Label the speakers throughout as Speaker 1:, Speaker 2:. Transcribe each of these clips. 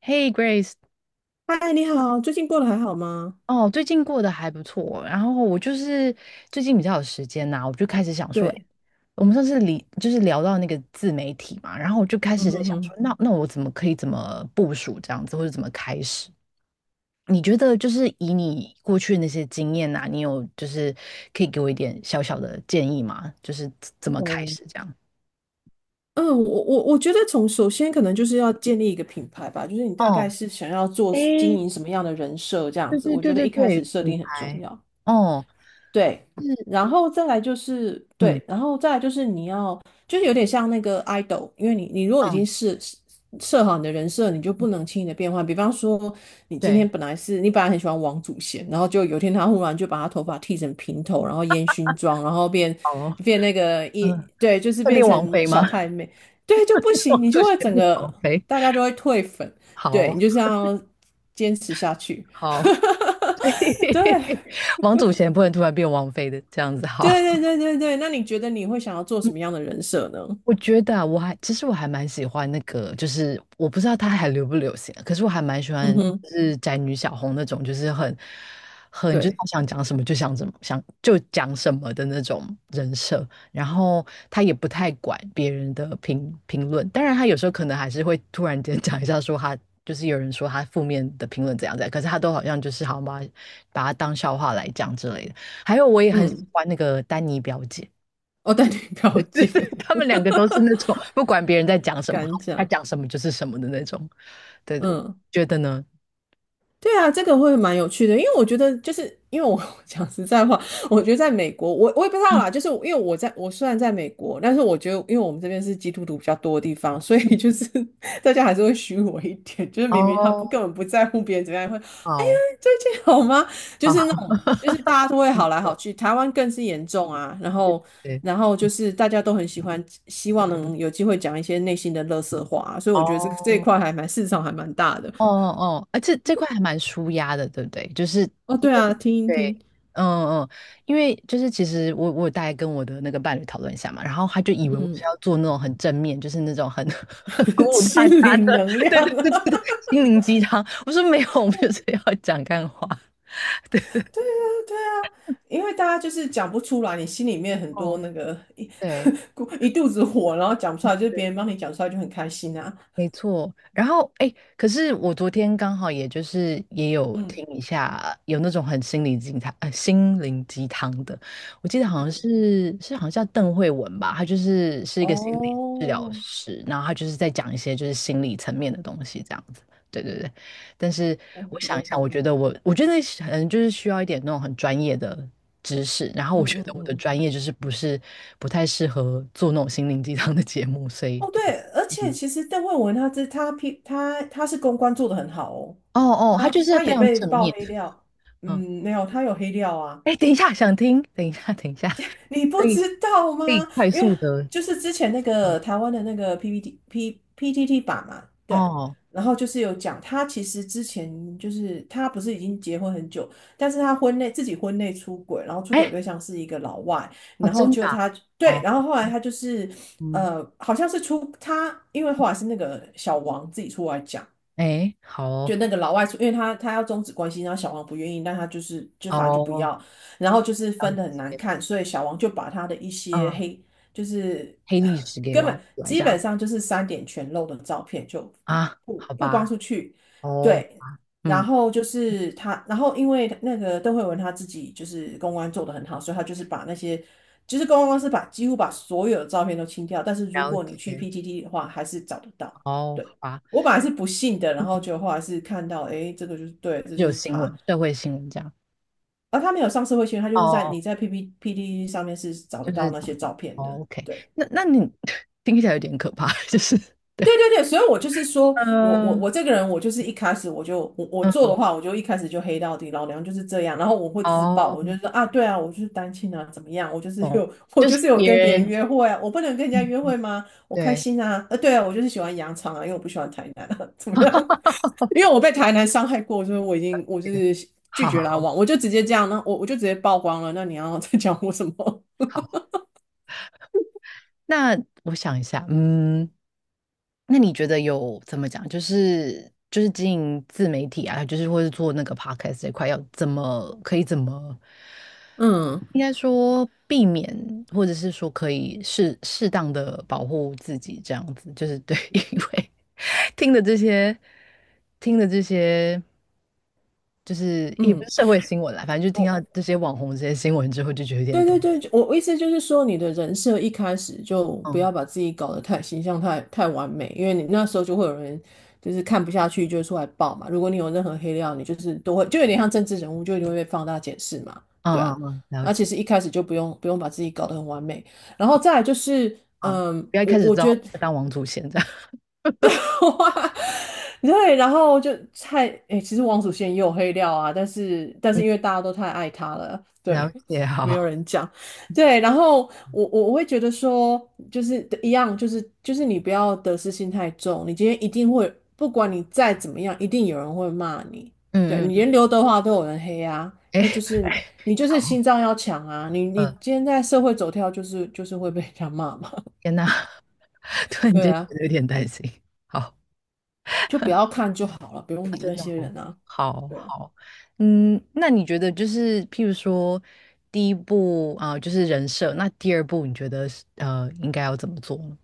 Speaker 1: Hey Grace，
Speaker 2: 嗨，你好，最近过得还好吗？
Speaker 1: 哦，最近过得还不错。然后我就是最近比较有时间呐、我就开始想说，诶
Speaker 2: 对，
Speaker 1: 我们上次理就是聊到那个自媒体嘛，然后我就开
Speaker 2: 嗯
Speaker 1: 始在
Speaker 2: 哼
Speaker 1: 想说，
Speaker 2: 哼，
Speaker 1: 那我怎么可以怎么部署这样子，或者怎么开始？你觉得就是以你过去的那些经验呐、你有就是可以给我一点小小的建议吗？就是怎么开
Speaker 2: 哦，
Speaker 1: 始这样？
Speaker 2: 嗯，我觉得从首先可能就是要建立一个品牌吧，就是你大
Speaker 1: 哦，
Speaker 2: 概是想要做经
Speaker 1: 诶，
Speaker 2: 营什么样的人设这样
Speaker 1: 对
Speaker 2: 子，
Speaker 1: 对
Speaker 2: 我觉
Speaker 1: 对
Speaker 2: 得
Speaker 1: 对
Speaker 2: 一开
Speaker 1: 对，
Speaker 2: 始设
Speaker 1: 品
Speaker 2: 定很重
Speaker 1: 牌，
Speaker 2: 要。
Speaker 1: 哦，
Speaker 2: 对，
Speaker 1: 是，
Speaker 2: 然后再来就是
Speaker 1: 嗯
Speaker 2: 对，然后再来就是你要，就是有点像那个 idol，因为你如果已
Speaker 1: 嗯，
Speaker 2: 经是设好你的人设，你就不能轻易的变换。比方说，
Speaker 1: 对，
Speaker 2: 你本来很喜欢王祖贤，然后就有一天他忽然就把他头发剃成平头，然后烟熏妆，然后变
Speaker 1: 好哦。
Speaker 2: 变那个一对，就是
Speaker 1: 会
Speaker 2: 变
Speaker 1: 变王
Speaker 2: 成
Speaker 1: 妃
Speaker 2: 小
Speaker 1: 吗？
Speaker 2: 太妹，对就不 行，
Speaker 1: 王
Speaker 2: 你
Speaker 1: 祖
Speaker 2: 就
Speaker 1: 贤
Speaker 2: 会整
Speaker 1: 变
Speaker 2: 个
Speaker 1: 王妃。
Speaker 2: 大家就会退粉，
Speaker 1: 好
Speaker 2: 对你就是要坚持下去，
Speaker 1: 好，
Speaker 2: 对。
Speaker 1: 王祖贤不能突然变王妃的，这样子好。
Speaker 2: 对对对对对，那你觉得你会想要做什么样的人设呢？
Speaker 1: 我觉得啊，其实我还蛮喜欢那个，就是我不知道他还流不流行啊，可是我还蛮喜
Speaker 2: 嗯
Speaker 1: 欢，
Speaker 2: 哼，
Speaker 1: 就是宅女小红那种，就是很就是
Speaker 2: 对，
Speaker 1: 她想讲什么就想怎么想就讲什么的那种人设，然后她也不太管别人的评论，当然她有时候可能还是会突然间 讲一下说她就是有人说她负面的评论怎样怎样，可是她都好像就是好像把它当笑话来讲之类的。还有我也很喜
Speaker 2: 嗯，
Speaker 1: 欢那个丹妮表姐。
Speaker 2: 我带你 了解，
Speaker 1: 他们两个都是那种 不管别人在讲 什么，
Speaker 2: 敢
Speaker 1: 他
Speaker 2: 讲，
Speaker 1: 讲什么就是什么的那种。对对，
Speaker 2: 嗯。
Speaker 1: 觉得呢？
Speaker 2: 对啊，这个会蛮有趣的，因为我觉得就是因为我 讲实在话，我觉得在美国，我也不知道
Speaker 1: 嗯
Speaker 2: 啦，就是因为我虽然在美国，但是我觉得因为我们这边是基督徒比较多的地方，所
Speaker 1: 嗯，
Speaker 2: 以就是 大家还是会虚伪一点，就是明明他不
Speaker 1: 哦，
Speaker 2: 根本不在乎别人怎么样，会哎呀
Speaker 1: 好
Speaker 2: 最近好吗？就是那
Speaker 1: 好，
Speaker 2: 种就是大家都会好来
Speaker 1: 对
Speaker 2: 好去，台湾更是严重啊，然后。
Speaker 1: 对，
Speaker 2: 然后就是大家都很喜欢，希望能有机会讲一些内心的垃圾话啊所以我觉得这一
Speaker 1: 哦
Speaker 2: 块市场还蛮大的
Speaker 1: 哦哦，啊，这这块还蛮舒压的，对不对？就是
Speaker 2: 哦。
Speaker 1: 因
Speaker 2: 对啊，
Speaker 1: 为
Speaker 2: 听一
Speaker 1: 对。
Speaker 2: 听。
Speaker 1: 嗯嗯，因为就是其实我大概跟我的那个伴侣讨论一下嘛，然后他就以为我是
Speaker 2: 嗯，
Speaker 1: 要做那种很正面，就是那种很 很鼓 舞大
Speaker 2: 心
Speaker 1: 家
Speaker 2: 灵
Speaker 1: 的，
Speaker 2: 能 量，
Speaker 1: 对对
Speaker 2: 啊，
Speaker 1: 对对，对 心灵鸡汤。我说没有，我们就是要讲干话。
Speaker 2: 对啊，对啊，因为大家就是讲不出来，你心里面很多
Speaker 1: 哦，
Speaker 2: 那个一
Speaker 1: 对，
Speaker 2: 咕一肚子火，然后讲不出来，就是别人帮你讲出来就很开心啊。
Speaker 1: 没错，然后哎，诶可是我昨天刚好也就是也有
Speaker 2: 嗯
Speaker 1: 听一下，有那种很心灵鸡汤，心灵鸡汤的，我记得好像
Speaker 2: 嗯，
Speaker 1: 是好像叫邓慧文吧，她就是是一个心理
Speaker 2: 哦，
Speaker 1: 治疗师，然后她就是在讲一些就是心理层面的东西这样子，对对对。但是
Speaker 2: 我
Speaker 1: 我想
Speaker 2: 我
Speaker 1: 一想，我
Speaker 2: 懂，
Speaker 1: 觉得我觉得可能就是需要一点那种很专业的知识，然后
Speaker 2: 嗯
Speaker 1: 我觉
Speaker 2: 嗯
Speaker 1: 得我的
Speaker 2: 嗯，
Speaker 1: 专业就是不是不太适合做那种心灵鸡汤的节目，所以
Speaker 2: 哦
Speaker 1: 对
Speaker 2: 对，而且
Speaker 1: 嗯
Speaker 2: 其实邓慧文他这他批他她是公关做的很好哦，
Speaker 1: 哦哦，他
Speaker 2: 他
Speaker 1: 就是
Speaker 2: 他
Speaker 1: 非
Speaker 2: 也
Speaker 1: 常
Speaker 2: 被
Speaker 1: 正
Speaker 2: 爆
Speaker 1: 面。
Speaker 2: 黑料，
Speaker 1: 嗯，
Speaker 2: 嗯，没有，他有黑料啊。
Speaker 1: 哎，等一下，想听，等一下，等一下，
Speaker 2: 你
Speaker 1: 可
Speaker 2: 不
Speaker 1: 以
Speaker 2: 知道吗？
Speaker 1: 可以快
Speaker 2: 因为
Speaker 1: 速的，
Speaker 2: 就是之前那
Speaker 1: 嗯，
Speaker 2: 个台湾的那个 PTT 版嘛，对，
Speaker 1: 哦，
Speaker 2: 然后就是有讲他其实之前就是他不是已经结婚很久，但是他婚内自己婚内出轨，然后出轨
Speaker 1: 哎，
Speaker 2: 对象是一个老外，
Speaker 1: 哦，
Speaker 2: 然后
Speaker 1: 真的
Speaker 2: 就
Speaker 1: 啊
Speaker 2: 他对，
Speaker 1: 哦，
Speaker 2: 然后后来他就是
Speaker 1: 嗯，
Speaker 2: 好像是出他，因为后来是那个小王自己出来讲，
Speaker 1: 哎，好哦，
Speaker 2: 就那个老外出，因为他要终止关系，然后小王不愿意，但他就是就反正就不
Speaker 1: 哦，
Speaker 2: 要，然后就是
Speaker 1: 了
Speaker 2: 分的很难
Speaker 1: 解，
Speaker 2: 看，所以小王就把他的一些
Speaker 1: 嗯，
Speaker 2: 黑，就是
Speaker 1: 黑历史给
Speaker 2: 根
Speaker 1: 挖
Speaker 2: 本
Speaker 1: 出来这
Speaker 2: 基本
Speaker 1: 样
Speaker 2: 上就是三点全露的照片就
Speaker 1: 啊，
Speaker 2: 曝
Speaker 1: 好
Speaker 2: 曝光
Speaker 1: 吧，
Speaker 2: 出去，
Speaker 1: 哦，
Speaker 2: 对，然
Speaker 1: 嗯，
Speaker 2: 后就是他，然后因为那个邓慧文他自己就是公关做的很好，所以他就是把那些。就是公关公司几乎把所有的照片都清掉，但是如
Speaker 1: 了
Speaker 2: 果你去
Speaker 1: 解，
Speaker 2: PTT 的话，还是找得到。
Speaker 1: 哦，好
Speaker 2: 对。
Speaker 1: 吧，
Speaker 2: 我本来是不信的，然后
Speaker 1: 嗯，
Speaker 2: 就后来是看到，哎，这个就是对，这
Speaker 1: 就
Speaker 2: 就
Speaker 1: 有
Speaker 2: 是
Speaker 1: 新
Speaker 2: 他。
Speaker 1: 闻，社会新闻这样，
Speaker 2: 他没有上社会新闻，他
Speaker 1: 哦
Speaker 2: 就是在
Speaker 1: 哦，
Speaker 2: 你在 P P P D 上面是找得
Speaker 1: 就
Speaker 2: 到
Speaker 1: 是
Speaker 2: 那
Speaker 1: 找
Speaker 2: 些
Speaker 1: 到，
Speaker 2: 照片
Speaker 1: 哦
Speaker 2: 的。
Speaker 1: ，OK，
Speaker 2: 对，
Speaker 1: 那那你 听起来有点可怕，就是，
Speaker 2: 对对对，所以我就是说我我
Speaker 1: 嗯
Speaker 2: 我这个人，我就是一开始我做
Speaker 1: 嗯，
Speaker 2: 的话，我就一开始就黑到底，老娘就是这样。然后我会自爆，我
Speaker 1: 哦。
Speaker 2: 就说啊，对啊，我就是单亲啊，怎么样？我就是
Speaker 1: 懂，
Speaker 2: 有 我
Speaker 1: 就
Speaker 2: 就
Speaker 1: 是
Speaker 2: 是有
Speaker 1: 别
Speaker 2: 跟别人
Speaker 1: 人，
Speaker 2: 约会啊，我不能跟人家约
Speaker 1: 嗯，
Speaker 2: 会吗？我开
Speaker 1: 对，
Speaker 2: 心啊，啊对啊，我就是喜欢羊肠啊，因为我不喜欢台南啊，怎么样？因为我被台南伤害过，所以我已经我就
Speaker 1: 对
Speaker 2: 是拒
Speaker 1: 好
Speaker 2: 绝来往，我就直接这样，那我就直接曝光了。那你要 再讲我什么？
Speaker 1: 好，那我想一下，嗯，那你觉得有怎么讲？就是就是经营自媒体啊，就是或是做那个 podcast 这块，要怎么可以怎么，
Speaker 2: 嗯
Speaker 1: 应该说避免，或者是说可以适当的保护自己，这样子就是对，因为听的这些听的这些，就是也不
Speaker 2: 嗯，
Speaker 1: 是社会新闻啦，反正就听到
Speaker 2: 我
Speaker 1: 这些网红这些新闻之后，就觉得有点
Speaker 2: 对
Speaker 1: 担
Speaker 2: 对
Speaker 1: 心。
Speaker 2: 对，我意思就是说，你的人设一开始就不
Speaker 1: 嗯
Speaker 2: 要把自己搞得太形象太完美，因为你那时候就会有人就是看不下去，就会出来爆嘛。如果你有任何黑料，你就是都会就有点像政治人物，就一定会被放大检视嘛。对
Speaker 1: 嗯
Speaker 2: 啊，
Speaker 1: 嗯嗯，了
Speaker 2: 那
Speaker 1: 解。
Speaker 2: 其实一开始就不用把自己搞得很完美，然后再来就是，
Speaker 1: 啊，
Speaker 2: 嗯，
Speaker 1: 不要一
Speaker 2: 我
Speaker 1: 开始
Speaker 2: 我
Speaker 1: 当
Speaker 2: 觉得
Speaker 1: 当王祖贤这样。
Speaker 2: 对，然后就诶，其实王祖贤也有黑料啊，但是因为大家都太爱他了，对，
Speaker 1: 了解，
Speaker 2: 没有
Speaker 1: 好，
Speaker 2: 人讲，对，然后我会觉得说，就是一样，就是你不要得失心太重，你今天一定会，不管你再怎么样，一定有人会骂你，对
Speaker 1: 嗯
Speaker 2: 你
Speaker 1: 嗯，
Speaker 2: 连刘德华都有人黑啊，
Speaker 1: 哎，
Speaker 2: 那就是
Speaker 1: 哎，
Speaker 2: 你就是
Speaker 1: 好，
Speaker 2: 心脏要强啊，你
Speaker 1: 嗯，
Speaker 2: 今天在社会走跳，就是会被人家骂嘛，
Speaker 1: 天呐，突然
Speaker 2: 对
Speaker 1: 间觉
Speaker 2: 啊，
Speaker 1: 得有点担心，好，
Speaker 2: 就不要看就好了，不用
Speaker 1: 啊，
Speaker 2: 理
Speaker 1: 真
Speaker 2: 那
Speaker 1: 的
Speaker 2: 些
Speaker 1: 好，
Speaker 2: 人啊。
Speaker 1: 好
Speaker 2: 对啊，
Speaker 1: 好，嗯，那你觉得就是譬如说第一步啊、就是人设，那第二步你觉得是应该要怎么做呢？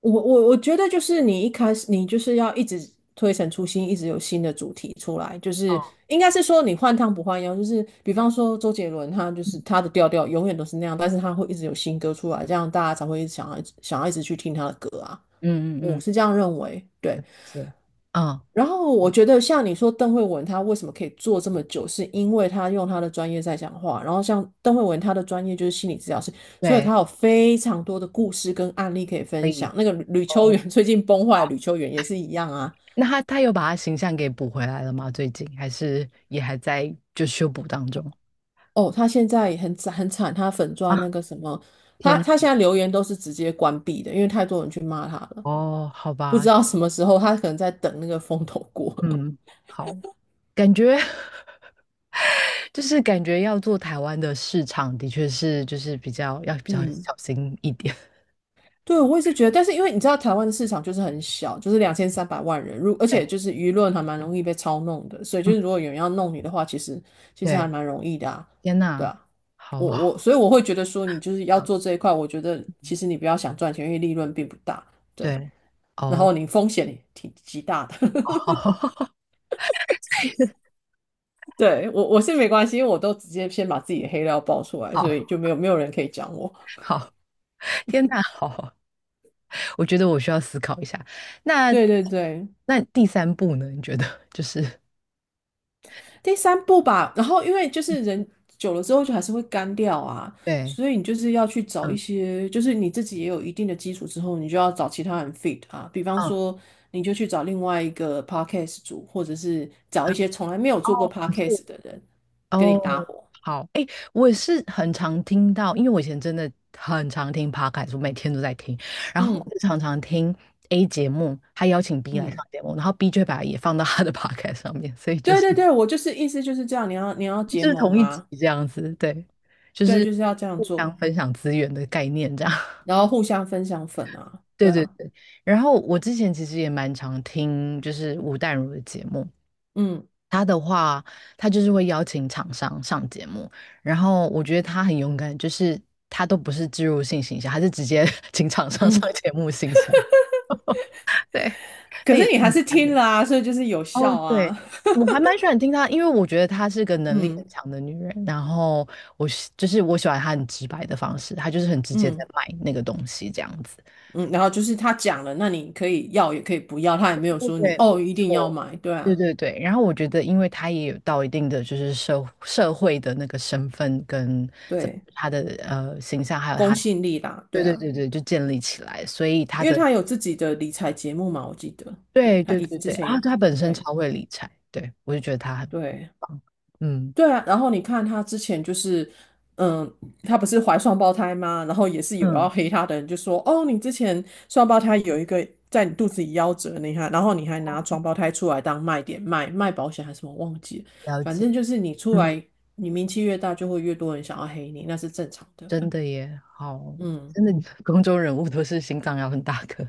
Speaker 2: 我觉得就是你一开始你就是要一直推陈出新，一直有新的主题出来，就是
Speaker 1: 哦，
Speaker 2: 应该是说你换汤不换药，就是比方说周杰伦他就是
Speaker 1: 嗯，
Speaker 2: 他的调调永远都是那样，但是他会一直有新歌出来，这样大家才会想要一直去听他的歌啊，
Speaker 1: 嗯嗯
Speaker 2: 我
Speaker 1: 嗯
Speaker 2: 是这样认为，对。
Speaker 1: 行，嗯，
Speaker 2: 然后我觉得像你说邓慧文，她为什么可以做这么久，是因为她用她的专业在讲话。然后像邓慧文，她的专业就是心理治疗师，所以
Speaker 1: 对，
Speaker 2: 她有非常多的故事跟案例可以
Speaker 1: 可
Speaker 2: 分
Speaker 1: 以
Speaker 2: 享。那个吕秋
Speaker 1: 哦。
Speaker 2: 远 最近崩坏，吕秋远也是一样啊。
Speaker 1: 那他他有把他形象给补回来了吗？最近还是也还在就修补当中
Speaker 2: 哦，她现在也很惨很惨，她粉钻那
Speaker 1: 啊？
Speaker 2: 个什么，她
Speaker 1: 天呐
Speaker 2: 她现在留言都是直接关闭的，因为太多人去骂她了。
Speaker 1: 哦，好
Speaker 2: 不知
Speaker 1: 吧，
Speaker 2: 道什么时候她可能在等那个风头过。
Speaker 1: 嗯，好，感觉 就是感觉要做台湾的市场，的确是就是比较要比较
Speaker 2: 嗯，
Speaker 1: 小心一点。
Speaker 2: 对，我也是觉得，但是因为你知道台湾的市场就是很小，就是2300万人，而
Speaker 1: 对，
Speaker 2: 且就是舆论还蛮容易被操弄的，所以就
Speaker 1: 嗯，
Speaker 2: 是如果有人要弄你的话，其实还
Speaker 1: 对，
Speaker 2: 蛮容易的啊，
Speaker 1: 天
Speaker 2: 对
Speaker 1: 呐，
Speaker 2: 啊，
Speaker 1: 好，
Speaker 2: 所以我会觉得说你就是要
Speaker 1: 嗯，
Speaker 2: 做这一块，我觉得其实你不要想赚钱，因为利润并不大，对，
Speaker 1: 对，
Speaker 2: 然后
Speaker 1: 哦，
Speaker 2: 你风险也挺极大的，对我是没关系，因为我都直接先把自己的黑料爆出来，
Speaker 1: 好，
Speaker 2: 所以就
Speaker 1: 好，
Speaker 2: 没有人可以讲我，
Speaker 1: 好，天呐，好，我觉得我需要思考一下。那
Speaker 2: 对对对，
Speaker 1: 第三步呢？你觉得就是
Speaker 2: 第三步吧，然后因为就是人久了之后就还是会干掉啊，
Speaker 1: 对，
Speaker 2: 所以你就是要去找一
Speaker 1: 嗯
Speaker 2: 些，就是你自己也有一定的基础之后，你就要找其他人 fit 啊，比方
Speaker 1: 嗯
Speaker 2: 说你就去找另外一个 podcast 组，或者是找
Speaker 1: 嗯，
Speaker 2: 一些从来没有做过
Speaker 1: 哦，很酷
Speaker 2: podcast 的人跟你搭
Speaker 1: 哦，
Speaker 2: 伙。
Speaker 1: 好，哎，我也是很常听到，因为我以前真的很常听 podcast，我每天都在听，然后
Speaker 2: 嗯
Speaker 1: 我就常常听 A 节目，他邀请 B 来上
Speaker 2: 嗯，
Speaker 1: 节目，然后 B 就会把也放到他的 podcast 上面，所以就
Speaker 2: 对
Speaker 1: 是
Speaker 2: 对对，我就是意思就是这样，你要结
Speaker 1: 就是
Speaker 2: 盟
Speaker 1: 同一集
Speaker 2: 啊，
Speaker 1: 这样子，对，就
Speaker 2: 对，
Speaker 1: 是
Speaker 2: 就是要这样
Speaker 1: 互相
Speaker 2: 做，
Speaker 1: 分享资源的概念这样，
Speaker 2: 然后互相分享粉啊，
Speaker 1: 对
Speaker 2: 对
Speaker 1: 对
Speaker 2: 啊，
Speaker 1: 对。然后我之前其实也蛮常听就是吴淡如的节目，
Speaker 2: 嗯
Speaker 1: 他的话，他就是会邀请厂商上节目，然后我觉得他很勇敢，就是他都不是植入性形象，他是直接 请厂商上
Speaker 2: 嗯，
Speaker 1: 节目形象，对，
Speaker 2: 可
Speaker 1: 那也
Speaker 2: 是你
Speaker 1: 是
Speaker 2: 还
Speaker 1: 很
Speaker 2: 是
Speaker 1: 赞
Speaker 2: 听
Speaker 1: 的。
Speaker 2: 了啊，所以就是有
Speaker 1: 哦，
Speaker 2: 效
Speaker 1: 对，
Speaker 2: 啊，
Speaker 1: 我还蛮喜欢听他，因为我觉得她是个 能力
Speaker 2: 嗯。
Speaker 1: 很强的女人。然后就是我喜欢她很直白的方式，她就是很直接在
Speaker 2: 嗯
Speaker 1: 卖那个东西这样子。
Speaker 2: 嗯，然后就是他讲了，那你可以要也可以不要，他也没有
Speaker 1: 对
Speaker 2: 说你
Speaker 1: 对，没
Speaker 2: 哦一定要
Speaker 1: 错，
Speaker 2: 买，对
Speaker 1: 对
Speaker 2: 啊，
Speaker 1: 对对。然后我觉得，因为他也有到一定的就是社会的那个身份跟
Speaker 2: 对，
Speaker 1: 他的形象，还有
Speaker 2: 公
Speaker 1: 他，
Speaker 2: 信力啦，
Speaker 1: 对
Speaker 2: 对
Speaker 1: 对
Speaker 2: 啊，
Speaker 1: 对对，就建立起来，所以他
Speaker 2: 因为
Speaker 1: 的，
Speaker 2: 他有自己的理财节目嘛，我记得，对，
Speaker 1: 对
Speaker 2: 他
Speaker 1: 对
Speaker 2: 一
Speaker 1: 对
Speaker 2: 之
Speaker 1: 对，
Speaker 2: 前有，
Speaker 1: 啊，他本身
Speaker 2: 对
Speaker 1: 超会理财，对，我就觉得他很
Speaker 2: 对。
Speaker 1: 棒，嗯
Speaker 2: 对啊，然后你看他之前就是，嗯，他不是怀双胞胎吗？然后也是有要
Speaker 1: 嗯，
Speaker 2: 黑他的人就说，哦，你之前双胞胎有一个在你肚子里夭折，你看，然后你还拿双胞胎出来当卖点卖，卖保险还是什么忘记了
Speaker 1: 了
Speaker 2: 反
Speaker 1: 解，
Speaker 2: 正就是你出
Speaker 1: 嗯，
Speaker 2: 来，你名气越大，就会越多人想要黑你，那是正常的。
Speaker 1: 真的耶，好，
Speaker 2: 嗯，
Speaker 1: 真的 公众人物都是心脏要很大颗，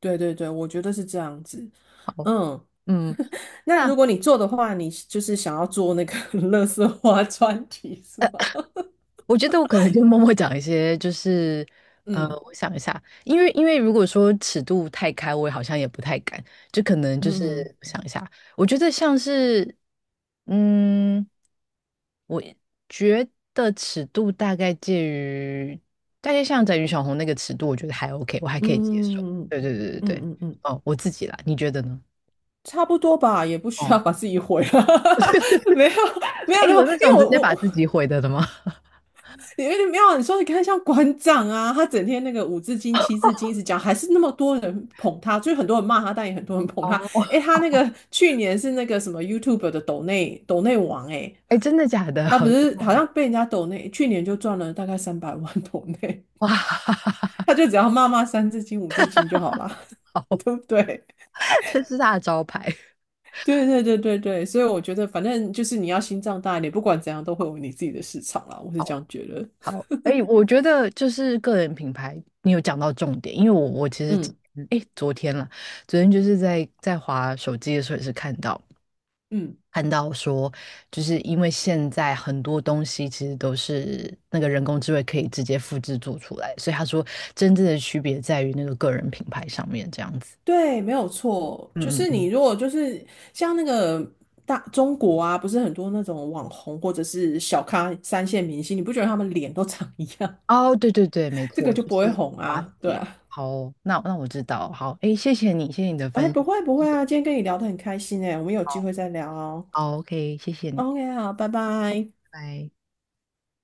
Speaker 2: 对对对，我觉得是这样子。
Speaker 1: 好，
Speaker 2: 嗯，
Speaker 1: 嗯。
Speaker 2: 那如
Speaker 1: 那。
Speaker 2: 果你做的话，你就是想要做那个 乐色花专题是吗？
Speaker 1: 我觉得我可能就默默讲一些，就是
Speaker 2: 嗯
Speaker 1: 我想一下，因为如果说尺度太开，我好像也不太敢，就可能就是
Speaker 2: 嗯。嗯
Speaker 1: 我想一下，我觉得像是嗯，我觉得尺度大概介于大概像在于小红那个尺度，我觉得还 OK，我还可以接受。
Speaker 2: 嗯
Speaker 1: 对对对对对，
Speaker 2: 嗯嗯嗯，
Speaker 1: 哦，我自己啦，你觉得呢？
Speaker 2: 差不多吧，也不需
Speaker 1: 哦，
Speaker 2: 要把自己毁了。没有没有
Speaker 1: 哎，
Speaker 2: 没有，
Speaker 1: 有
Speaker 2: 因
Speaker 1: 那
Speaker 2: 为
Speaker 1: 种
Speaker 2: 我
Speaker 1: 直接
Speaker 2: 我
Speaker 1: 把
Speaker 2: 我
Speaker 1: 自己毁的吗？
Speaker 2: 有点没有啊，你说你看像馆长啊，他整天那个五字经七字经一直讲，还是那么多人捧他，就是很多人骂他，但也很多人捧他。
Speaker 1: 哦，
Speaker 2: 诶，他那个去年是那个什么 YouTube 的抖内王诶，
Speaker 1: 哎，真的假的？
Speaker 2: 他不是好 像被人家抖内，去年就赚了大概三百万 抖内，
Speaker 1: 哇，
Speaker 2: 他就只要骂骂三字经五字经就好啦，对不对？
Speaker 1: 这是他的招牌。
Speaker 2: 对对对对对，所以我觉得反正就是你要心脏大一点，不管怎样都会有你自己的市场啦，我是这样觉得。
Speaker 1: 好，哎，我觉得就是个人品牌，你有讲到重点，因为我其实，
Speaker 2: 嗯
Speaker 1: 哎，昨天了，昨天就是在滑手机的时候也是看到
Speaker 2: 嗯，
Speaker 1: 看到说，就是因为现在很多东西其实都是那个人工智慧可以直接复制做出来，所以他说真正的区别在于那个个人品牌上面这样子。
Speaker 2: 对，没有错，就
Speaker 1: 嗯嗯
Speaker 2: 是你
Speaker 1: 嗯，
Speaker 2: 如果就是像那个大中国啊，不是很多那种网红或者是小咖三线明星，你不觉得他们脸都长一样，
Speaker 1: 哦，对对对，没
Speaker 2: 这个
Speaker 1: 错，
Speaker 2: 就
Speaker 1: 就
Speaker 2: 不会
Speaker 1: 是
Speaker 2: 红
Speaker 1: 瓜子
Speaker 2: 啊？对
Speaker 1: 脸。
Speaker 2: 啊，
Speaker 1: 好哦那我知道，好，哎，谢谢你，谢谢你的分
Speaker 2: 哎，
Speaker 1: 享，
Speaker 2: 不会不会啊，今天跟你聊得很开心哎，我们有机会再聊哦。
Speaker 1: 好，OK，谢谢你，
Speaker 2: OK，好，拜拜。
Speaker 1: 拜。